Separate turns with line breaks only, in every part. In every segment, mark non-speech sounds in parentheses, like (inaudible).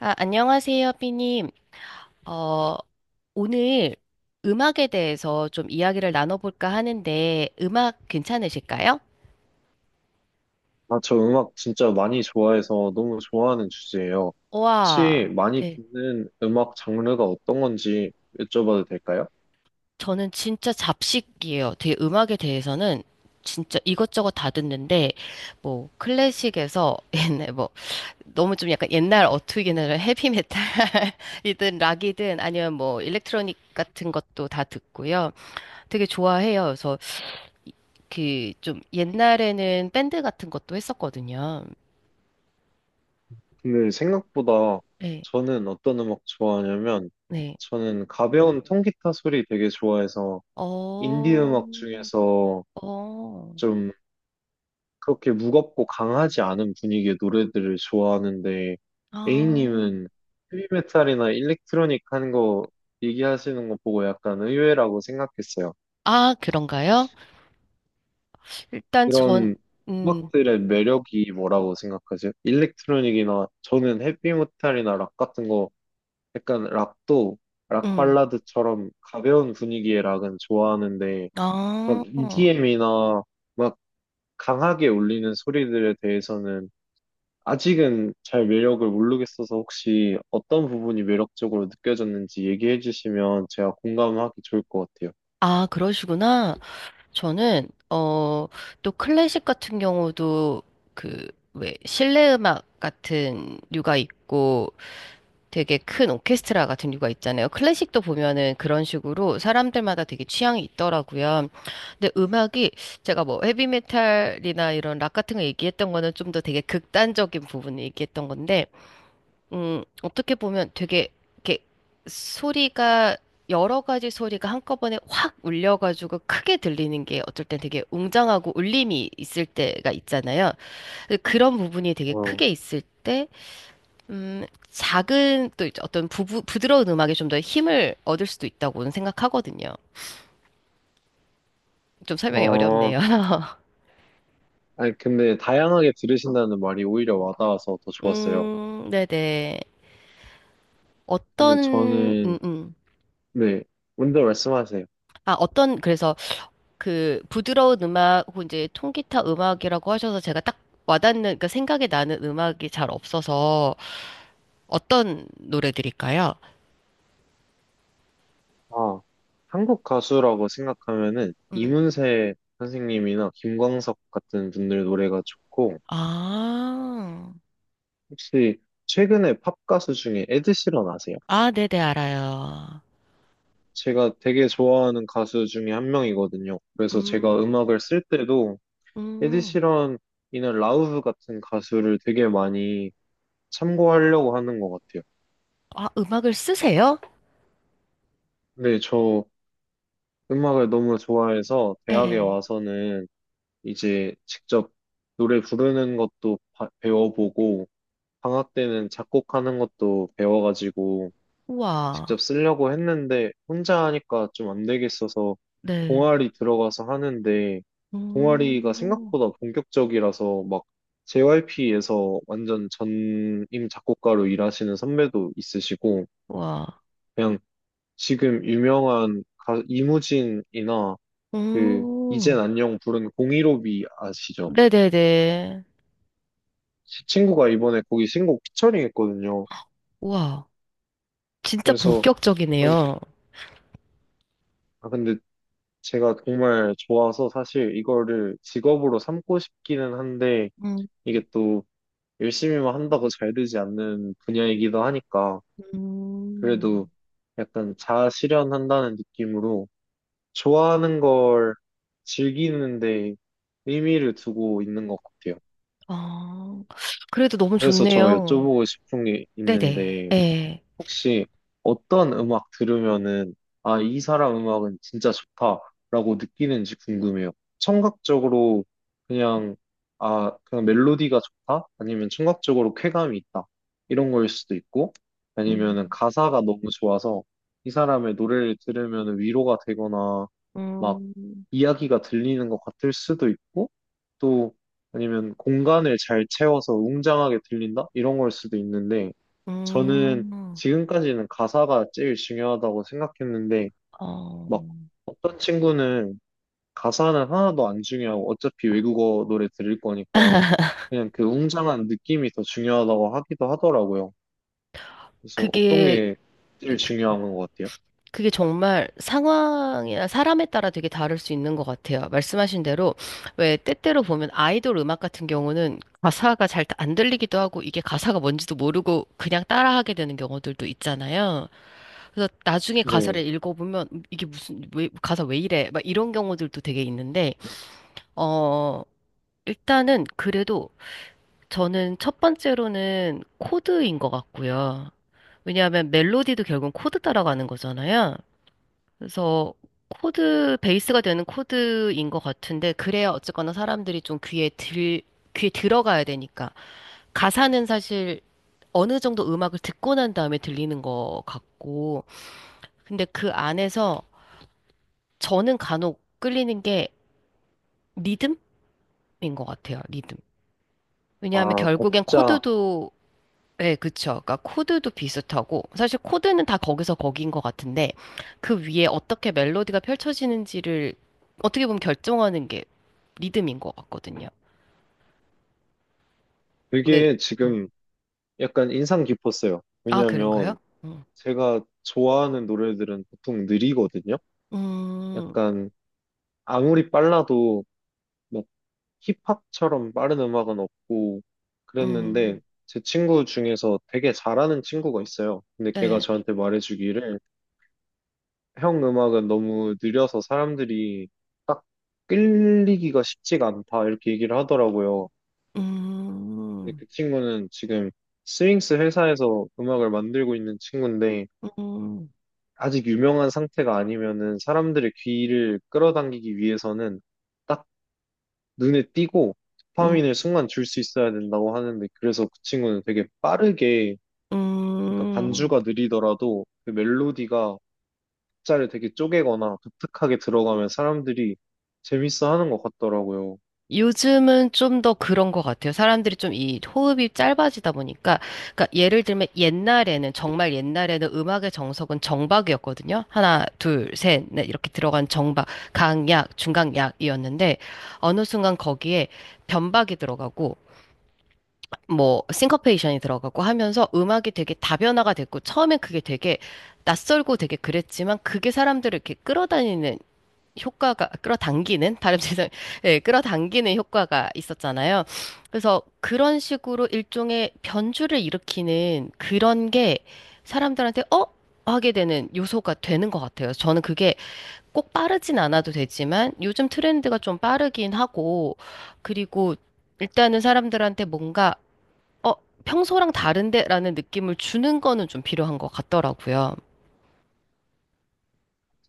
아, 안녕하세요, 삐님. 어, 오늘 음악에 대해서 좀 이야기를 나눠볼까 하는데, 음악 괜찮으실까요?
아, 저 음악 진짜 많이 좋아해서 너무 좋아하는 주제예요.
와,
혹시 많이
네,
듣는 음악 장르가 어떤 건지 여쭤봐도 될까요?
저는 진짜 잡식이에요. 되게 음악에 대해서는 진짜 이것저것 다 듣는데, 뭐, 클래식에서 (laughs) 옛날, 뭐, 너무 좀 약간 옛날 어투기긴해피 헤비메탈이든 (laughs) 락이든 아니면 뭐, 일렉트로닉 같은 것도 다 듣고요. 되게 좋아해요. 그래서 그 좀 옛날에는 밴드 같은 것도 했었거든요.
근데 생각보다
네,
저는 어떤 음악 좋아하냐면,
네.
저는 가벼운 통기타 소리 되게 좋아해서
어,
인디 음악 중에서
어,
좀 그렇게 무겁고 강하지 않은 분위기의 노래들을 좋아하는데,
아,
A님은 헤비메탈이나 일렉트로닉 하는 거 얘기하시는 거 보고 약간 의외라고 생각했어요.
아, 그런가요? 일단 전,
이런
음,
음악들의 매력이 뭐라고 생각하세요? 일렉트로닉이나, 저는 헤비메탈이나 락 같은 거, 약간 락도, 락
음,
발라드처럼 가벼운 분위기의 락은 좋아하는데
아,
막 EDM이나 막 강하게 울리는 소리들에 대해서는 아직은 잘 매력을 모르겠어서, 혹시 어떤 부분이 매력적으로 느껴졌는지 얘기해 주시면 제가 공감하기 좋을 것 같아요.
아, 그러시구나. 저는, 또 클래식 같은 경우도 그, 왜, 실내 음악 같은 류가 있고, 되게 큰 오케스트라 같은 류가 있잖아요. 클래식도 보면은 그런 식으로 사람들마다 되게 취향이 있더라고요. 근데 음악이 제가 뭐 헤비메탈이나 이런 락 같은 거 얘기했던 거는 좀 더 되게 극단적인 부분을 얘기했던 건데, 어떻게 보면 되게 이렇게 소리가 여러 가지 소리가 한꺼번에 확 울려가지고 크게 들리는 게 어쩔 땐 되게 웅장하고 울림이 있을 때가 있잖아요. 근데 그런 부분이 되게
어,
크게 있을 때 작은 또 이제 어떤 부드러운 음악에 좀 더 힘을 얻을 수도 있다고는 생각하거든요. 좀 설명이
어,
어렵네요. (laughs)
아니, 근데 다양하게 들으신다는 말이 오히려 와닿아서 더 좋았어요.
네네. 어떤,
근데
음,
저는,
음.
네, 먼저 말씀하세요.
아, 어떤, 그래서 그 부드러운 음악, 혹은 이제 통기타 음악이라고 하셔서 제가 딱 와닿는, 그러니까 생각이 나는 음악이 잘 없어서 어떤 노래들일까요?
아, 한국 가수라고 생각하면은
음,
이문세 선생님이나 김광석 같은 분들 노래가 좋고,
아,
혹시 최근에 팝 가수 중에 에드시런 아세요?
아, 네네, 알아요.
제가 되게 좋아하는 가수 중에 한 명이거든요. 그래서 제가
음,
음악을 쓸 때도
음.
에드시런이나 라우브 같은 가수를 되게 많이 참고하려고 하는 것 같아요.
아, 음악을 쓰세요?
네, 저 음악을 너무 좋아해서 대학에
네.
와서는 이제 직접 노래 부르는 것도 배워보고 방학 때는 작곡하는 것도 배워가지고
우와,
직접 쓰려고 했는데, 혼자 하니까 좀 안 되겠어서
네.
동아리 들어가서 하는데, 동아리가
음,
생각보다 본격적이라서 막 JYP에서 완전 전임 작곡가로 일하시는 선배도 있으시고,
우와,
그냥 지금 유명한 이무진이나 그
음,
이젠 안녕 부른 015B 아시죠?
네네네.
제 친구가 이번에 거기 신곡 피처링 했거든요.
우와, 진짜
그래서 그런
본격적이네요.
아, 근데 제가 정말 좋아서 사실 이거를 직업으로 삼고 싶기는 한데,
음,
이게 또 열심히만 한다고 잘 되지 않는 분야이기도 하니까,
음.
그래도 약간 자아실현한다는 느낌으로 좋아하는 걸 즐기는데 의미를 두고 있는 것 같아요.
아, 그래도 너무
그래서 저
좋네요.
여쭤보고 싶은 게
네네,
있는데,
예.
혹시 어떤 음악 들으면은, 아, 이 사람 음악은 진짜 좋다라고 느끼는지 궁금해요. 청각적으로 그냥, 아, 그냥 멜로디가 좋다? 아니면 청각적으로 쾌감이 있다? 이런 거일 수도 있고, 아니면은
음,
가사가 너무 좋아서 이 사람의 노래를 들으면 위로가 되거나, 막
음,
이야기가 들리는 것 같을 수도 있고, 또 아니면 공간을 잘 채워서 웅장하게 들린다? 이런 걸 수도 있는데, 저는
음.
지금까지는 가사가 제일 중요하다고 생각했는데,
어,
막 어떤 친구는 가사는 하나도 안 중요하고 어차피 외국어 노래 들을 거니까 그냥 그 웅장한 느낌이 더 중요하다고 하기도 하더라고요. 그래서 어떤
그게
게 제일 중요한 것 같아요?
그게 정말 상황이나 사람에 따라 되게 다를 수 있는 것 같아요. 말씀하신 대로, 왜 때때로 보면 아이돌 음악 같은 경우는 가사가 잘 안 들리기도 하고 이게 가사가 뭔지도 모르고 그냥 따라하게 되는 경우들도 있잖아요. 그래서 나중에
네.
가사를 읽어보면 이게 무슨, 왜, 가사 왜 이래? 막 이런 경우들도 되게 있는데, 어, 일단은 그래도 저는 첫 번째로는 코드인 것 같고요. 왜냐하면 멜로디도 결국은 코드 따라가는 거잖아요. 그래서 코드, 베이스가 되는 코드인 것 같은데, 그래야 어쨌거나 사람들이 좀 귀에 들어가야 되니까. 가사는 사실 어느 정도 음악을 듣고 난 다음에 들리는 것 같고, 근데 그 안에서 저는 간혹 끌리는 게 리듬인 것 같아요, 리듬. 왜냐하면
아,
결국엔
박자.
코드도 네, 그쵸. 그러니까 코드도 비슷하고 사실 코드는 다 거기서 거기인 것 같은데 그 위에 어떻게 멜로디가 펼쳐지는지를 어떻게 보면 결정하는 게 리듬인 것 같거든요. 왜?
되게
어.
지금 약간 인상 깊었어요.
아,
왜냐하면
그런가요? 음,
제가 좋아하는 노래들은 보통 느리거든요.
음,
약간 아무리 빨라도 힙합처럼 빠른 음악은 없고 그랬는데,
음,
제 친구 중에서 되게 잘하는 친구가 있어요. 근데 걔가
네,
저한테 말해주기를, 형 음악은 너무 느려서 사람들이 딱 끌리기가 쉽지가 않다, 이렇게 얘기를 하더라고요. 근데
음,
그 친구는 지금 스윙스 회사에서 음악을 만들고 있는 친구인데,
음, 음,
아직 유명한 상태가 아니면은 사람들의 귀를 끌어당기기 위해서는 딱 눈에 띄고
음.
도파민을 순간 줄 수 있어야 된다고 하는데, 그래서 그 친구는 되게 빠르게, 그러니까
음.
반주가 느리더라도 그 멜로디가 박자를 되게 쪼개거나 독특하게 들어가면 사람들이 재밌어 하는 것 같더라고요.
요즘은 좀 더 그런 것 같아요. 사람들이 좀 이 호흡이 짧아지다 보니까, 그러니까 예를 들면 옛날에는, 정말 옛날에는 음악의 정석은 정박이었거든요. 하나, 둘, 셋, 넷 이렇게 들어간 정박, 강약, 중강약이었는데, 어느 순간 거기에 변박이 들어가고, 뭐, 싱커페이션이 들어가고 하면서 음악이 되게 다변화가 됐고, 처음엔 그게 되게 낯설고 되게 그랬지만, 그게 사람들을 이렇게 끌어다니는 효과가 끌어당기는 발음 죄송 (laughs) 예 끌어당기는 효과가 있었잖아요. 그래서 그런 식으로 일종의 변주를 일으키는 그런 게 사람들한테 하게 되는 요소가 되는 것 같아요. 저는 그게 꼭 빠르진 않아도 되지만 요즘 트렌드가 좀 빠르긴 하고 그리고 일단은 사람들한테 뭔가 어 평소랑 다른데라는 느낌을 주는 거는 좀 필요한 것 같더라고요.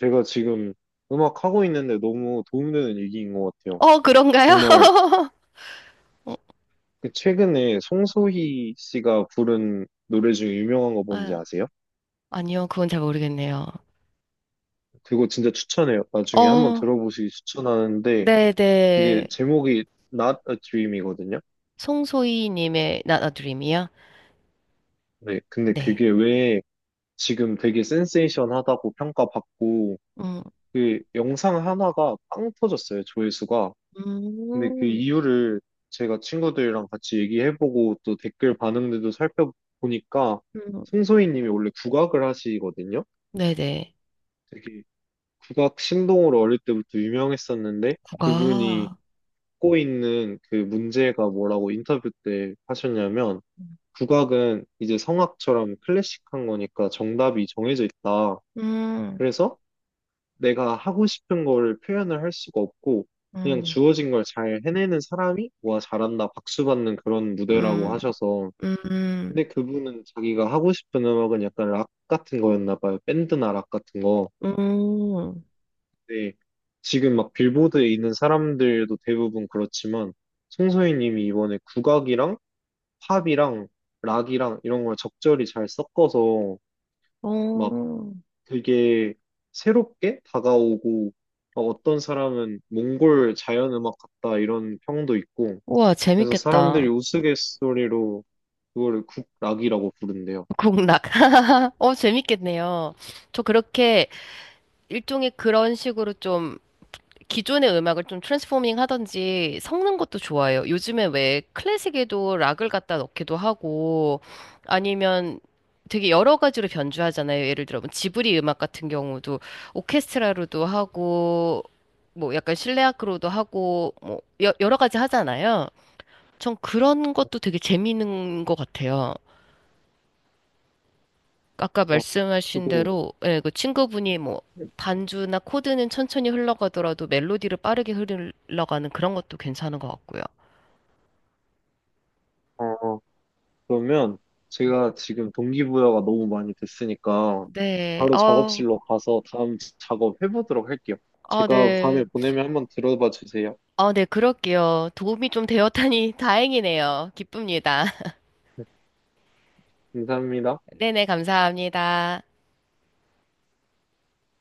제가 지금 음악 하고 있는데 너무 도움되는 얘기인 것 같아요.
그런가요? (laughs)
정말. 그 최근에 송소희 씨가 부른 노래 중에 유명한 거 뭔지
아,
아세요?
아니요, 그건 잘 모르겠네요.
그거 진짜 추천해요. 나중에 한번
어,
들어보시기 추천하는데, 그게
네네.
제목이 Not a Dream이거든요.
송소희님의 Not a Dream이요?
네, 근데
네.
그게 왜 지금 되게 센세이션하다고 평가받고
음,
그 영상 하나가 빵 터졌어요, 조회수가. 근데 그
음,
이유를 제가 친구들이랑 같이 얘기해보고 또 댓글 반응들도 살펴보니까,
음,
송소희님이 원래 국악을 하시거든요.
네네.
되게 국악 신동으로 어릴 때부터 유명했었는데, 그분이
국악.
갖고 있는 그 문제가 뭐라고 인터뷰 때 하셨냐면, 국악은 이제 성악처럼 클래식한 거니까 정답이 정해져 있다.
음,
그래서 내가 하고 싶은 거를 표현을 할 수가 없고, 그냥
음,
주어진 걸 잘 해내는 사람이 와 잘한다 박수 받는 그런 무대라고
음,
하셔서.
음,
근데 그분은 자기가 하고 싶은 음악은 약간 락 같은 거였나 봐요. 밴드나 락 같은 거.
음,
근데 지금 막 빌보드에 있는 사람들도 대부분 그렇지만, 송소희님이 이번에 국악이랑 팝이랑 락이랑 이런 걸 적절히 잘 섞어서 막
오.
되게 새롭게 다가오고, 어, 어떤 사람은 몽골 자연음악 같다 이런 평도 있고.
우와,
그래서 사람들이
재밌겠다.
우스갯소리로 그거를 국락이라고 부른대요.
국락. (laughs) 재밌겠네요. 저 그렇게 일종의 그런 식으로 좀 기존의 음악을 좀 트랜스포밍 하던지 섞는 것도 좋아해요. 요즘에 왜 클래식에도 락을 갖다 넣기도 하고 아니면 되게 여러 가지로 변주하잖아요. 예를 들어 뭐 지브리 음악 같은 경우도 오케스트라로도 하고 뭐 약간 실내악으로도 하고 뭐 여러 가지 하잖아요. 전 그런 것도 되게 재미있는 것 같아요. 아까
어,
말씀하신
그리고
대로 예, 그 친구분이 뭐 반주나 코드는 천천히 흘러가더라도 멜로디를 빠르게 흘러가는 그런 것도 괜찮은 것 같고요.
어, 그러면 제가 지금 동기부여가 너무 많이 됐으니까
네,
바로
아,
작업실로 가서 다음 작업 해보도록 할게요.
아,
제가
네.
밤에 보내면 한번 들어봐 주세요.
아, 네, 그럴게요. 도움이 좀 되었다니 (laughs) 다행이네요. 기쁩니다.
네, 감사합니다.
(laughs) 네네, 감사합니다.